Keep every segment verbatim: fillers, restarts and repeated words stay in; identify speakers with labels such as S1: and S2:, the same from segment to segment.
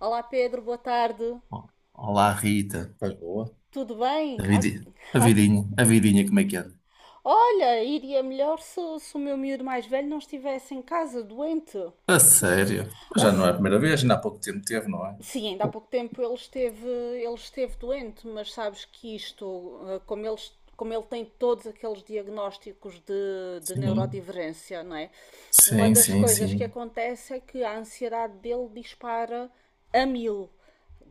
S1: Olá Pedro, boa tarde.
S2: Ó, olá, Rita. Faz boa.
S1: Tudo
S2: A
S1: bem? Ah,
S2: vidi- a
S1: ah,
S2: vidinha, a vidinha, como é que anda?
S1: Olha, iria melhor se, se o meu miúdo mais velho não estivesse em casa doente.
S2: A sério? Mas
S1: Ah,
S2: já não é
S1: se-
S2: a primeira vez, ainda há pouco tempo teve, não é?
S1: sim, ainda há pouco tempo ele esteve, ele esteve doente, mas sabes que isto, ah, como ele, como ele tem todos aqueles diagnósticos de, de
S2: Sim,
S1: neurodivergência, não é? Uma
S2: sim,
S1: das
S2: sim,
S1: coisas que
S2: sim.
S1: acontece é que a ansiedade dele dispara a mil,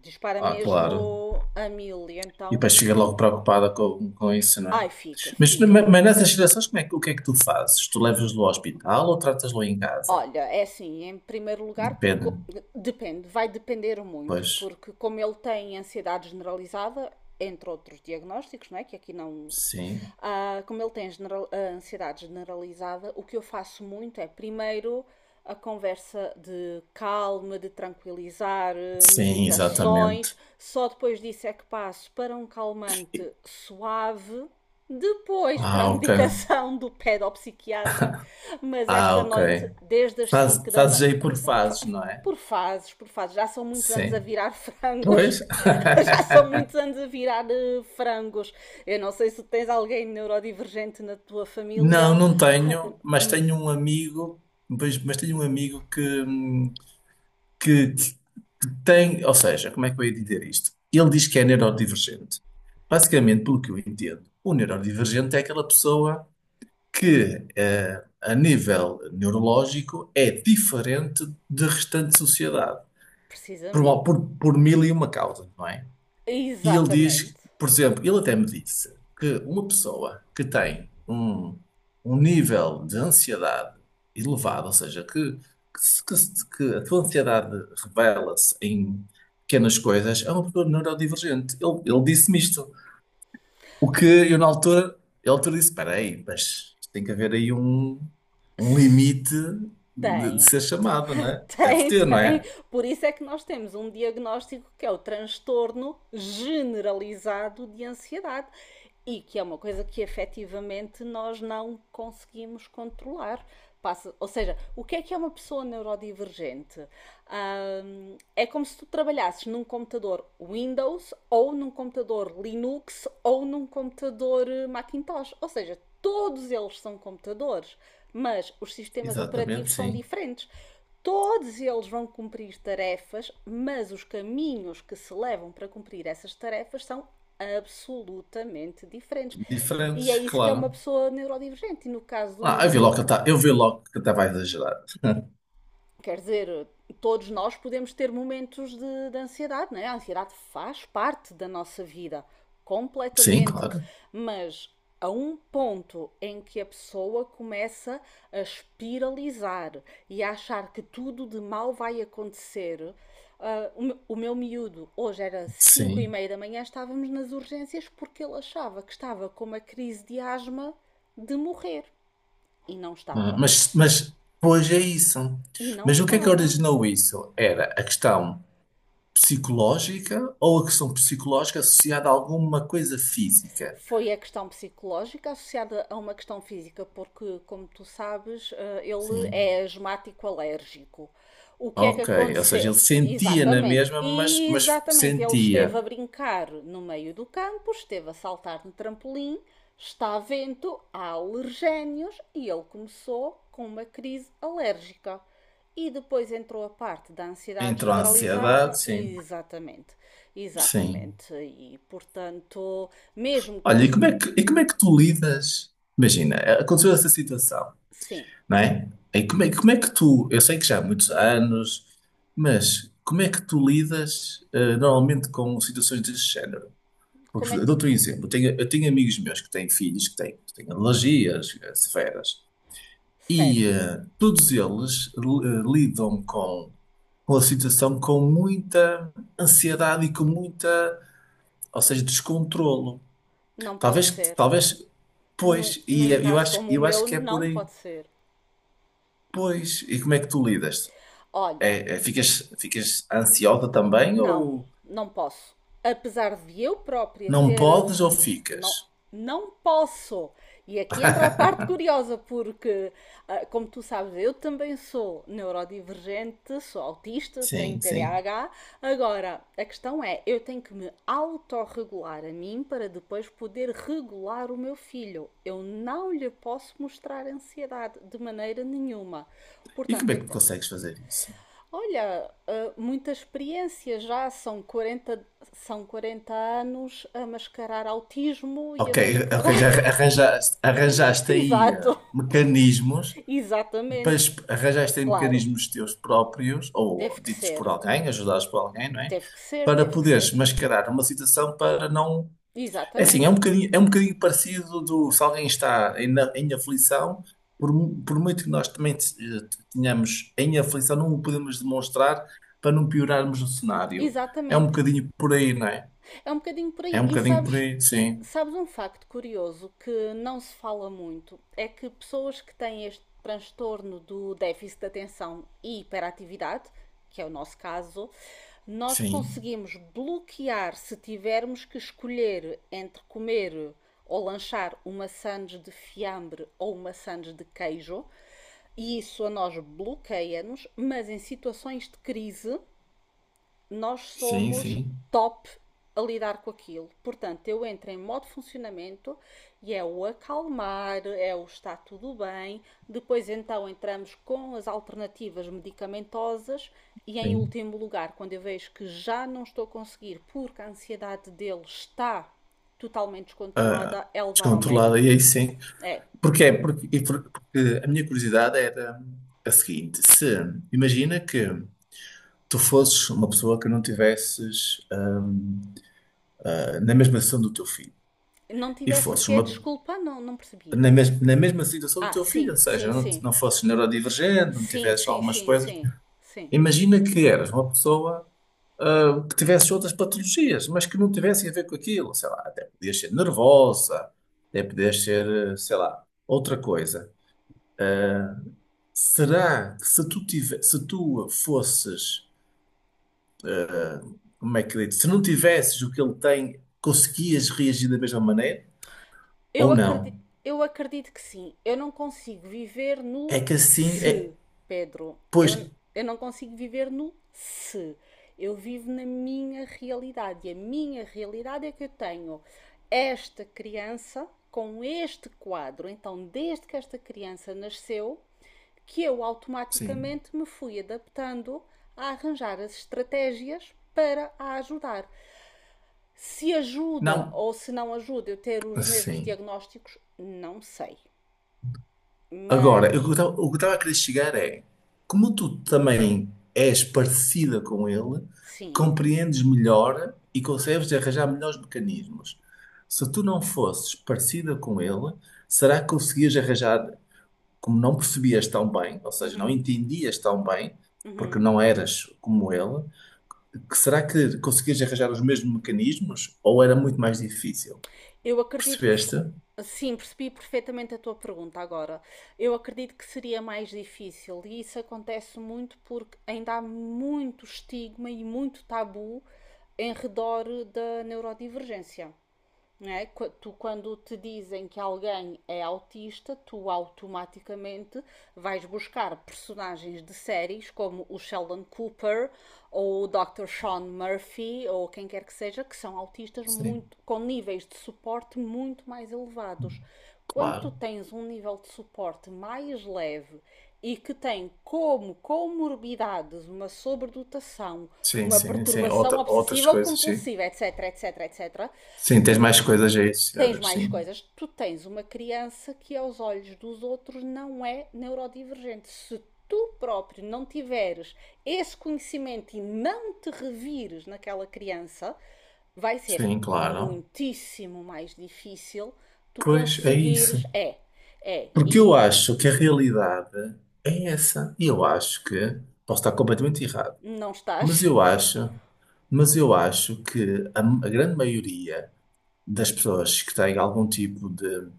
S1: dispara
S2: Ah, claro.
S1: mesmo a mil e
S2: E
S1: então
S2: depois fica logo preocupada com, com isso, não é?
S1: ai fica,
S2: Mas,
S1: fica.
S2: mas mas nessas situações, como é que, o que é que tu fazes? Tu levas-lo ao hospital ou tratas-lo em casa?
S1: Olha, é assim, em primeiro lugar, co-
S2: Depende.
S1: depende, vai depender muito,
S2: Pois,
S1: porque como ele tem ansiedade generalizada, entre outros diagnósticos, não é? Que aqui não.
S2: sim.
S1: Ah, como ele tem general- a ansiedade generalizada, o que eu faço muito é primeiro a conversa de calma, de tranquilizar, eh,
S2: Sim,
S1: meditações,
S2: exatamente.
S1: só depois disso é que passo para um calmante suave, depois para a
S2: Ah, ok.
S1: medicação do pedopsiquiatra, mas
S2: Ah,
S1: esta
S2: ok.
S1: noite desde as
S2: Faz,
S1: cinco da
S2: fazes
S1: manhã.
S2: aí por fases, não é?
S1: Por fases, por fases. Já são muitos anos a
S2: Sim.
S1: virar frangos.
S2: Pois?
S1: Já são muitos anos a virar eh, frangos. Eu não sei se tens alguém neurodivergente na tua
S2: Não,
S1: família.
S2: não tenho, mas tenho um amigo, pois- mas tenho um amigo que, hum, que, que tem, ou seja, como é que eu ia dizer isto? Ele diz que é neurodivergente. Basicamente, pelo que eu entendo, o neurodivergente é aquela pessoa que, eh, a nível neurológico, é diferente da restante sociedade, por,
S1: Precisamente.
S2: por, por mil e uma causas, não é? E ele diz,
S1: Exatamente.
S2: por exemplo, ele até me disse que uma pessoa que tem um, um nível de ansiedade elevado, ou seja, que, que, se- que se- que a tua ansiedade revela-se em pequenas coisas, é uma pessoa neurodivergente. Ele, ele disse-me isto. O que eu, na altura, ele altura disse: espera aí, mas isto tem que haver aí um, um limite de, de
S1: Tem.
S2: ser chamado, não é? Deve
S1: Tem,
S2: ter, não
S1: tem.
S2: é?
S1: Por isso é que nós temos um diagnóstico que é o transtorno generalizado de ansiedade e que é uma coisa que efetivamente nós não conseguimos controlar. Passa, ou seja, o que é que é uma pessoa neurodivergente? Hum, é como se tu trabalhasses num computador Windows ou num computador Linux ou num computador eh, Macintosh. Ou seja, todos eles são computadores, mas os sistemas
S2: Exatamente,
S1: operativos são
S2: sim.
S1: diferentes. Todos eles vão cumprir tarefas, mas os caminhos que se levam para cumprir essas tarefas são absolutamente diferentes. E é
S2: Diferentes,
S1: isso que é uma
S2: claro.
S1: pessoa neurodivergente. E no caso do
S2: Ah,
S1: meu
S2: eu vi logo
S1: miúdo,
S2: que ele tá- eu vi logo que ele estava a exagerar.
S1: quer dizer, todos nós podemos ter momentos de, de ansiedade, não é? A ansiedade faz parte da nossa vida,
S2: Sim,
S1: completamente.
S2: claro.
S1: Mas a um ponto em que a pessoa começa a espiralizar e a achar que tudo de mal vai acontecer. Ah, o meu miúdo, hoje era cinco e
S2: Sim.
S1: meia da manhã, estávamos nas urgências porque ele achava que estava com uma crise de asma de morrer. E não
S2: Ah,
S1: estava.
S2: Mas, mas, pois é isso.
S1: E não
S2: Mas o que é que
S1: estava.
S2: originou isso? Era a questão psicológica ou a questão psicológica associada a alguma coisa física?
S1: Foi a questão psicológica associada a uma questão física, porque, como tu sabes, eh, ele
S2: Sim.
S1: é asmático alérgico. O que é que
S2: Ok. Ou seja,
S1: aconteceu?
S2: ele sentia na
S1: Exatamente.
S2: mesma, mas, mas
S1: Exatamente, ele esteve a
S2: sentia.
S1: brincar no meio do campo, esteve a saltar no trampolim, está a vento, há alergénios e ele começou com uma crise alérgica. E depois entrou a parte da ansiedade
S2: Entrou a
S1: generalizada,
S2: ansiedade, sim.
S1: e exatamente,
S2: Sim.
S1: exatamente. E portanto, mesmo
S2: Olha,
S1: com.
S2: e como é que, e como é que tu lidas? Imagina, aconteceu essa situação.
S1: Sim,
S2: Não é? Aí como é, como é que tu, eu sei que já há muitos anos, mas como é que tu lidas eh, normalmente com situações desse género?
S1: como
S2: Porque
S1: é
S2: eu
S1: que.
S2: dou-te um exemplo, eu tenho, eu tenho amigos meus que têm filhos que têm, que têm alergias eh, severas e
S1: Certo,
S2: eh, todos eles eh, lidam com, com a situação com muita ansiedade e com muita, ou seja, descontrolo.
S1: não pode
S2: Talvez,
S1: ser.
S2: talvez,
S1: Num,
S2: pois, e
S1: num
S2: é, eu
S1: caso
S2: acho,
S1: como o
S2: eu acho
S1: meu,
S2: que é por
S1: não
S2: aí.
S1: pode ser.
S2: Pois, e como é que tu lidas?
S1: Olha,
S2: É, é, ficas, ficas ansiosa também
S1: não,
S2: ou
S1: não posso. Apesar de eu própria
S2: não
S1: ter.
S2: podes ou
S1: Não,
S2: ficas?
S1: não posso. E aqui entra a parte curiosa, porque, ah, como tu sabes, eu também sou neurodivergente, sou autista, tenho
S2: Sim, sim.
S1: T D A H. Agora, a questão é, eu tenho que me autorregular a mim para depois poder regular o meu filho. Eu não lhe posso mostrar ansiedade de maneira nenhuma.
S2: E
S1: Portanto,
S2: como é
S1: eu
S2: que consegues fazer isso?
S1: Olha, ah, muita experiência já, são quarenta são quarenta anos a mascarar autismo e a
S2: Ok, ok,
S1: mascarar.
S2: já arranjaste, arranjaste aí eh,
S1: Exato,
S2: mecanismos,
S1: exatamente.
S2: mas arranjaste aí
S1: Claro,
S2: mecanismos teus próprios, ou
S1: teve que
S2: ditos por
S1: ser,
S2: alguém, ajudados por alguém, não é?
S1: teve que ser,
S2: Para
S1: teve que ser.
S2: poderes mascarar uma situação para não. É assim, é
S1: Exatamente,
S2: um bocadinho, é um bocadinho parecido do se alguém está em, na- em aflição, por, mu- por muito que nós também te- eh, tenhamos em aflição, não o podemos demonstrar para não piorarmos o cenário. É um
S1: exatamente.
S2: bocadinho por aí, não é?
S1: É um bocadinho por
S2: É
S1: aí.
S2: um
S1: E
S2: bocadinho por
S1: sabes,
S2: aí, sim,
S1: sabes um facto curioso que não se fala muito? É que pessoas que têm este transtorno do déficit de atenção e hiperatividade, que é o nosso caso, nós
S2: sim,
S1: conseguimos bloquear se tivermos que escolher entre comer ou lanchar uma sandes de fiambre ou uma sandes de queijo, e isso a nós bloqueia-nos, mas em situações de crise nós
S2: sim,
S1: somos
S2: sim,
S1: top a lidar com aquilo. Portanto, eu entro em modo funcionamento e é o acalmar, é o está tudo bem. Depois, então, entramos com as alternativas medicamentosas. E em
S2: sim.
S1: último lugar, quando eu vejo que já não estou a conseguir porque a ansiedade dele está totalmente
S2: Ah,
S1: descontrolada, é levar ao
S2: descontrolado,
S1: médico.
S2: e aí sim.
S1: É.
S2: Porquê? Porque, e por- porque a minha curiosidade era a seguinte: se imagina que tu fosses uma pessoa que não tivesses ah, na mesma situação do teu filho.
S1: Não
S2: E
S1: tivesse o
S2: fosses
S1: quê?
S2: uma,
S1: Desculpa, não, não percebi.
S2: na, mes- na mesma situação do
S1: Ah,
S2: teu filho,
S1: sim,
S2: ou
S1: sim,
S2: seja, não, te-
S1: sim.
S2: não fosses neurodivergente, não
S1: Sim,
S2: tivesses
S1: sim,
S2: algumas
S1: sim,
S2: coisas.
S1: sim. Sim.
S2: Imagina que eras uma pessoa, ah, que tivesse outras patologias, mas que não tivessem a ver com aquilo. Sei lá, até podias ser nervosa, até podias ser, eh, sei lá, outra coisa. Será que se tu, tive, se tu fosses, como é que eu digo, se não tivesses o que ele tem, conseguias reagir da mesma maneira?
S1: Eu
S2: Ou não?
S1: acredito, eu acredito que sim. Eu não consigo viver no
S2: É que assim, é,
S1: se, Pedro. Eu,
S2: pois,
S1: eu não consigo viver no se. Eu vivo na minha realidade. E a minha realidade é que eu tenho esta criança com este quadro. Então, desde que esta criança nasceu, que eu
S2: sim,
S1: automaticamente me fui adaptando a arranjar as estratégias para a ajudar. Se ajuda
S2: não,
S1: ou se não ajuda eu ter os mesmos
S2: sim.
S1: diagnósticos, não sei.
S2: Agora,
S1: Mas
S2: o que eu o que estava a querer chegar é, como tu também és parecida com ele,
S1: sim,
S2: compreendes melhor e consegues arranjar melhores mecanismos. Se tu não fosses parecida com ele, será que conseguias arranjar, como não percebias tão bem, ou seja, não entendias tão bem, porque não eras como ele, que será que conseguias arranjar os mesmos mecanismos ou era muito mais difícil?
S1: eu acredito que.
S2: Percebeste?
S1: Sim, percebi perfeitamente a tua pergunta agora. Eu acredito que seria mais difícil e isso acontece muito porque ainda há muito estigma e muito tabu em redor da neurodivergência. Não é? Tu, quando te dizem que alguém é autista, tu automaticamente vais buscar personagens de séries como o Sheldon Cooper ou o doutor Sean Murphy ou quem quer que seja, que são autistas
S2: Sim,
S1: muito, com níveis de suporte muito mais elevados. Quando tu
S2: claro.
S1: tens um nível de suporte mais leve e que tem como comorbidades uma sobredotação,
S2: Sim,
S1: uma
S2: sim, sim.
S1: perturbação
S2: Outra- outras
S1: obsessiva ou
S2: coisas, sim.
S1: compulsiva, etc, etc, etc,
S2: Sim, tens
S1: tu
S2: mais coisas aí
S1: tens
S2: associadas,
S1: mais
S2: sim.
S1: coisas. Tu tens uma criança que, aos olhos dos outros, não é neurodivergente. Se tu próprio não tiveres esse conhecimento e não te revires naquela criança, vai ser
S2: Sim, claro.
S1: muitíssimo mais difícil tu
S2: Pois é isso.
S1: conseguires. É, é.
S2: Porque eu
S1: E
S2: acho que a realidade é essa. E eu acho que, posso estar completamente errado,
S1: não
S2: mas
S1: estás
S2: eu acho, mas eu acho que a, a grande maioria das pessoas que têm algum tipo de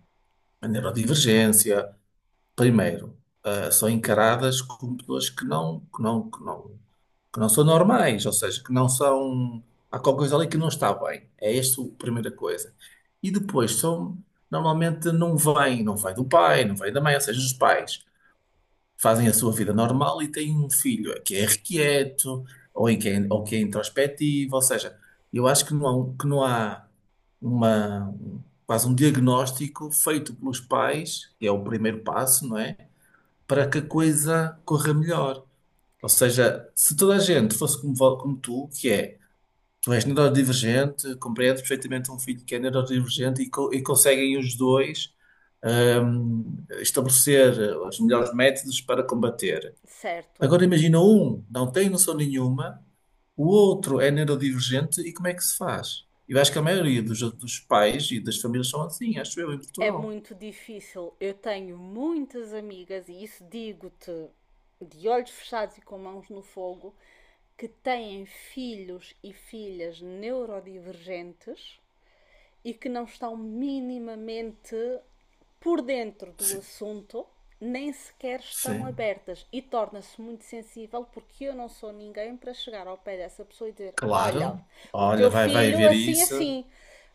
S2: neurodivergência, primeiro, ah, são encaradas como pessoas que não, que não, que não. que não são normais, ou seja, que não são. Há qualquer coisa ali que não está bem. É esta a primeira coisa. E depois são. Normalmente não vem, não vem do pai, não vem da mãe, ou seja, os pais fazem a sua vida normal e têm um filho que é irrequieto ou, em que é, ou que é introspectivo, ou seja, eu acho que não há, um- que não há uma, quase um diagnóstico feito pelos pais, que é o primeiro passo, não é? Para que a coisa corra melhor. Ou seja, se toda a gente fosse como, vo- como tu, que é, tu és neurodivergente, compreendes perfeitamente um filho que é neurodivergente e, co- e conseguem os dois hum, estabelecer os melhores métodos para combater.
S1: certo.
S2: Agora imagina um, não tem noção nenhuma, o outro é neurodivergente e como é que se faz? Eu acho que a maioria dos, dos pais e das famílias são assim, acho eu, em
S1: É
S2: Portugal.
S1: muito difícil. Eu tenho muitas amigas, e isso digo-te de olhos fechados e com mãos no fogo, que têm filhos e filhas neurodivergentes e que não estão minimamente por dentro do
S2: Sim,
S1: assunto, nem sequer estão
S2: sim,
S1: abertas e torna-se muito sensível porque eu não sou ninguém para chegar ao pé dessa pessoa e dizer: "Olha,
S2: claro.
S1: o
S2: Olha,
S1: teu
S2: vai, vai
S1: filho
S2: haver
S1: assim,
S2: isso.
S1: assim,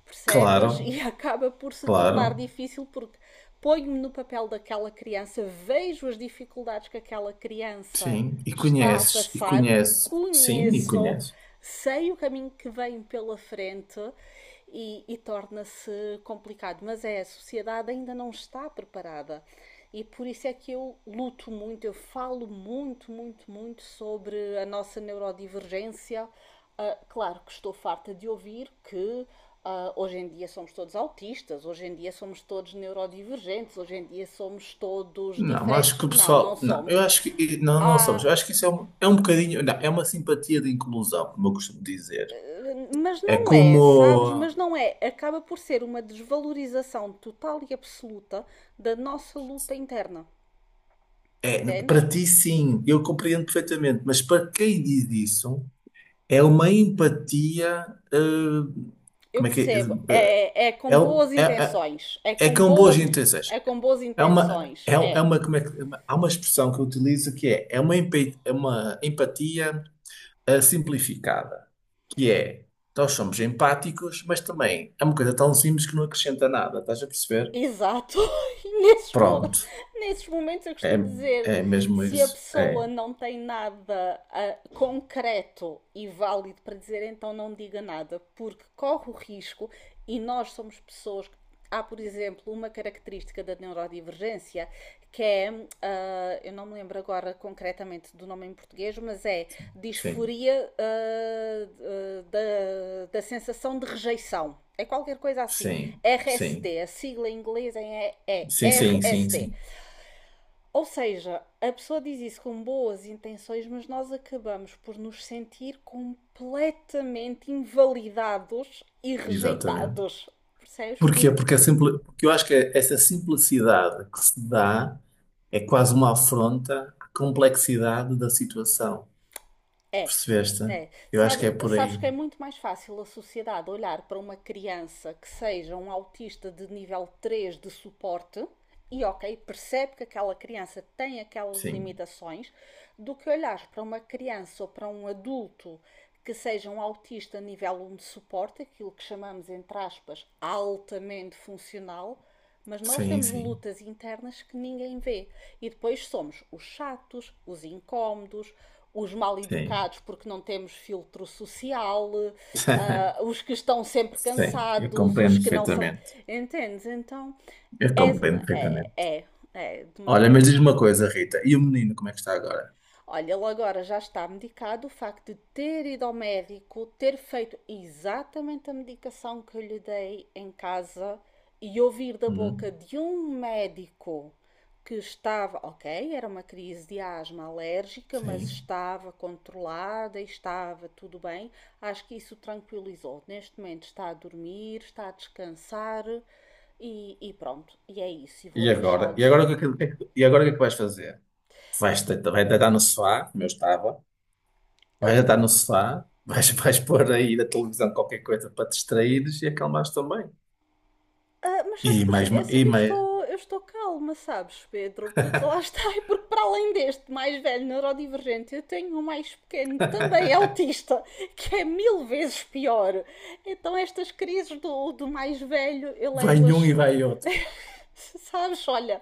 S1: percebes?"
S2: Claro,
S1: E acaba por se
S2: claro.
S1: tornar difícil porque ponho-me no papel daquela criança, vejo as dificuldades que aquela criança
S2: Sim, e
S1: está a
S2: conheces, e
S1: passar,
S2: conheces, sim, e
S1: conheço,
S2: conheces.
S1: sei o caminho que vem pela frente e, e torna-se complicado. Mas é, a sociedade ainda não está preparada. E por isso é que eu luto muito, eu falo muito, muito, muito sobre a nossa neurodivergência. Ah, claro que estou farta de ouvir que ah, hoje em dia somos todos autistas, hoje em dia somos todos neurodivergentes, hoje em dia somos todos
S2: Não, mas acho
S1: diferentes.
S2: que o
S1: Não, não
S2: pessoal, não,
S1: somos.
S2: eu acho que, e- não, não sabes,
S1: Há
S2: eu acho que isso é um, é um bocadinho, não, é uma simpatia de inclusão, como eu costumo dizer.
S1: Mas
S2: É
S1: não é, sabes?
S2: como,
S1: Mas não é. Acaba por ser uma desvalorização total e absoluta da nossa luta interna.
S2: é,
S1: Entendes?
S2: para ti sim, eu compreendo perfeitamente, mas para quem diz isso, é uma empatia, eh,
S1: Eu
S2: como é que é,
S1: percebo.
S2: eh,
S1: É, é com
S2: é, um-
S1: boas
S2: é,
S1: intenções. É
S2: é, é
S1: com
S2: com boas
S1: boas,
S2: intenções.
S1: é com boas
S2: É uma,
S1: intenções.
S2: é, é
S1: É.
S2: uma, como é que, é uma- há uma expressão que eu utilizo que é, é uma, empa- é uma empatia a simplificada, que é nós somos empáticos, mas também é uma coisa tão simples que não acrescenta nada, estás a perceber?
S1: Exato. Nesses, mo-
S2: Pronto,
S1: nesses momentos eu
S2: é,
S1: costumo dizer,
S2: é mesmo
S1: se a
S2: isso. É,
S1: pessoa não tem nada ah, concreto e válido para dizer, então não diga nada, porque corre o risco e nós somos pessoas. que- Há, por exemplo, uma característica da neurodivergência que é, ah, eu não me lembro agora concretamente do nome em português, mas é
S2: sim,
S1: disforia ah, ah, da, da sensação de rejeição. É qualquer coisa assim.
S2: sim, sim,
S1: R S D, a sigla em inglês é, é
S2: sim, sim, sim,
S1: R S D.
S2: sim,
S1: Ou seja, a pessoa diz isso com boas intenções, mas nós acabamos por nos sentir completamente invalidados e
S2: exatamente.
S1: rejeitados. Percebes? Por
S2: Porquê? Porque, a simpli- porque eu acho que essa simplicidade que se dá é quase uma afronta à complexidade da situação.
S1: É,
S2: Percebeste?
S1: é.
S2: Eu acho que
S1: Sabe-
S2: é por
S1: sabes
S2: aí.
S1: que é muito mais fácil a sociedade olhar para uma criança que seja um autista de nível três de suporte e, ok, percebe que aquela criança tem aquelas
S2: Sim,
S1: limitações, do que olhar para uma criança ou para um adulto que seja um autista nível um de suporte, aquilo que chamamos, entre aspas, altamente funcional, mas nós
S2: sim,
S1: temos
S2: sim,
S1: lutas internas que ninguém vê. E depois somos os chatos, os incómodos, os mal
S2: sim.
S1: educados porque não temos filtro social, uh, os que estão sempre
S2: Sim, eu
S1: cansados,
S2: compreendo
S1: os que não sabem.
S2: perfeitamente.
S1: Entendes? Então
S2: Eu
S1: é,
S2: compreendo
S1: é,
S2: perfeitamente.
S1: é, é de
S2: Olha, mas
S1: maneira.
S2: diz-me uma coisa, Rita. E o menino, como é que está agora?
S1: Olha, ele agora já está medicado. O facto de ter ido ao médico, ter feito exatamente a medicação que eu lhe dei em casa e ouvir da boca
S2: Hum,
S1: de um médico que estava, ok, era uma crise de asma alérgica, mas
S2: sim.
S1: estava controlada e estava tudo bem. Acho que isso tranquilizou. Neste momento está a dormir, está a descansar e, e pronto. E é isso. E vou
S2: E agora? E
S1: deixá-los.
S2: agora o que, é que- o que é que- e agora o que é que vais fazer? Vais deitar, vai deitar no sofá, como eu estava. Vais deitar no sofá. Vais, vais pôr aí na televisão qualquer coisa para te distraíres e acalmares também.
S1: Ah, mas
S2: E
S1: sabes que eu,
S2: mais, ma- e
S1: eu eu
S2: mais.
S1: estou, eu estou calma, sabes, Pedro? Porque lá está, e porque para além deste mais velho neurodivergente, eu tenho um mais pequeno, também autista, que é mil vezes pior. Então estas crises do, do mais velho eu
S2: Vai um
S1: levo-as.
S2: e vai outro.
S1: Sabes, olha,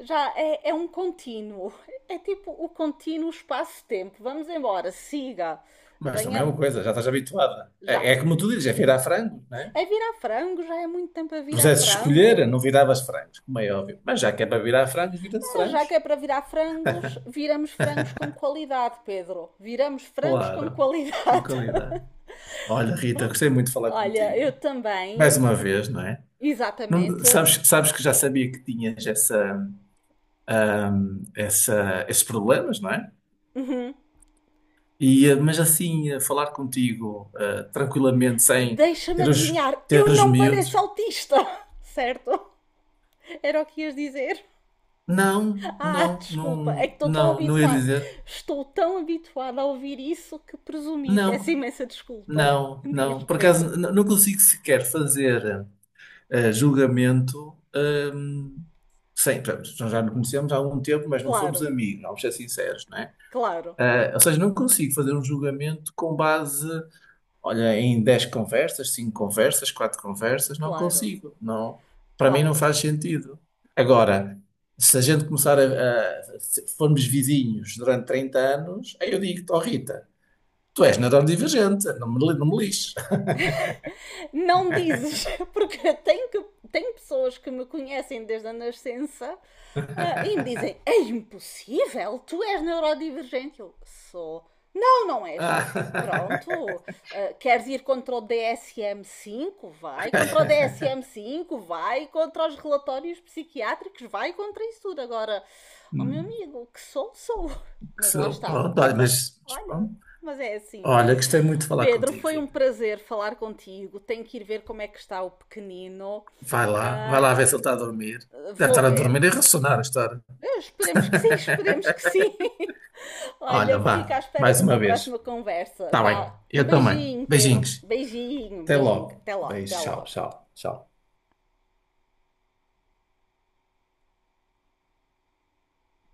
S1: já é, é um contínuo. É tipo o contínuo espaço-tempo. Vamos embora, siga,
S2: Mas também é
S1: venha
S2: uma coisa, já estás habituada.
S1: já.
S2: É, é como tu dizes, é virar frango, não é?
S1: É virar frango, já é muito tempo a
S2: Se
S1: virar
S2: pusesse escolher,
S1: frango.
S2: não viravas frangos, como é óbvio. Mas já que é para virar frangos, vira-se
S1: Ah, Já que
S2: frangos.
S1: é para virar frangos, viramos frangos com qualidade, Pedro. Viramos frangos com
S2: Claro, com
S1: qualidade.
S2: qualidade. Olha, Rita, gostei muito de falar
S1: Olha,
S2: contigo.
S1: eu também,
S2: Mais uma vez, não é? Não-
S1: exatamente.
S2: sabes, sabes que já sabia que tinhas essa, essa- esses problemas, não é? E, eh, mas assim, eh, falar contigo, eh, tranquilamente, sem
S1: Deixa-me
S2: ter os,
S1: adivinhar,
S2: ter
S1: eu
S2: os
S1: não pareço
S2: miúdos.
S1: autista, certo? Era o que ias dizer?
S2: Não,
S1: Ah,
S2: não,
S1: desculpa, é
S2: não,
S1: que estou tão
S2: não, não ia
S1: habituada.
S2: dizer.
S1: Estou tão habituada a ouvir isso que presumi. Peço
S2: Não,
S1: imensa desculpa,
S2: não,
S1: diz
S2: não. Por acaso,
S1: Pedro.
S2: n- não consigo sequer fazer eh, julgamento. ehm, Sim, pronto, nós já nos conhecemos há algum tempo, mas não somos
S1: Claro,
S2: amigos, vamos ser sinceros, não é?
S1: claro,
S2: Ah, ou seja, não consigo fazer um julgamento com base, olha, em dez conversas, cinco conversas, quatro conversas, não
S1: claro,
S2: consigo, não. Para mim não
S1: claro.
S2: faz sentido. Agora, se a gente começar a, a- se formos vizinhos durante trinta anos, aí eu digo-te, oh Rita, tu és neurodivergente, não me, li- não me lixes.
S1: Não dizes, porque tenho, que, tenho pessoas que me conhecem desde a nascença ah, e me dizem: "É impossível, tu és neurodivergente." Eu sou. Não, não és.
S2: Ah,
S1: Pronto, ah, queres ir contra o D S M cinco. Vai contra o D S M cinco, vai contra os relatórios psiquiátricos, vai contra isso tudo. Agora, ó meu amigo, que sou, sou.
S2: que
S1: Mas lá
S2: sou,
S1: está.
S2: pronto, olha, mas mas
S1: Olha,
S2: pronto.
S1: mas é assim.
S2: Olha, gostei muito de falar
S1: Pedro,
S2: contigo,
S1: foi um
S2: Rita.
S1: prazer falar contigo. Tenho que ir ver como é que está o pequenino.
S2: Vai lá, vai
S1: Ah,
S2: lá ver se ele está a dormir. Deve
S1: Vou
S2: estar a
S1: ver.
S2: dormir e a ressonar a história.
S1: Eh, Esperemos que sim, esperemos que sim.
S2: Olha,
S1: Olha, fica à
S2: vá,
S1: espera
S2: mais
S1: de
S2: uma
S1: uma próxima
S2: vez.
S1: conversa.
S2: Está bem,
S1: Vá, um
S2: eu também.
S1: beijinho, Pedro.
S2: Beijinhos.
S1: Beijinho,
S2: Até
S1: beijinho.
S2: logo.
S1: Até logo, até
S2: Beijo, tchau,
S1: logo.
S2: tchau, tchau.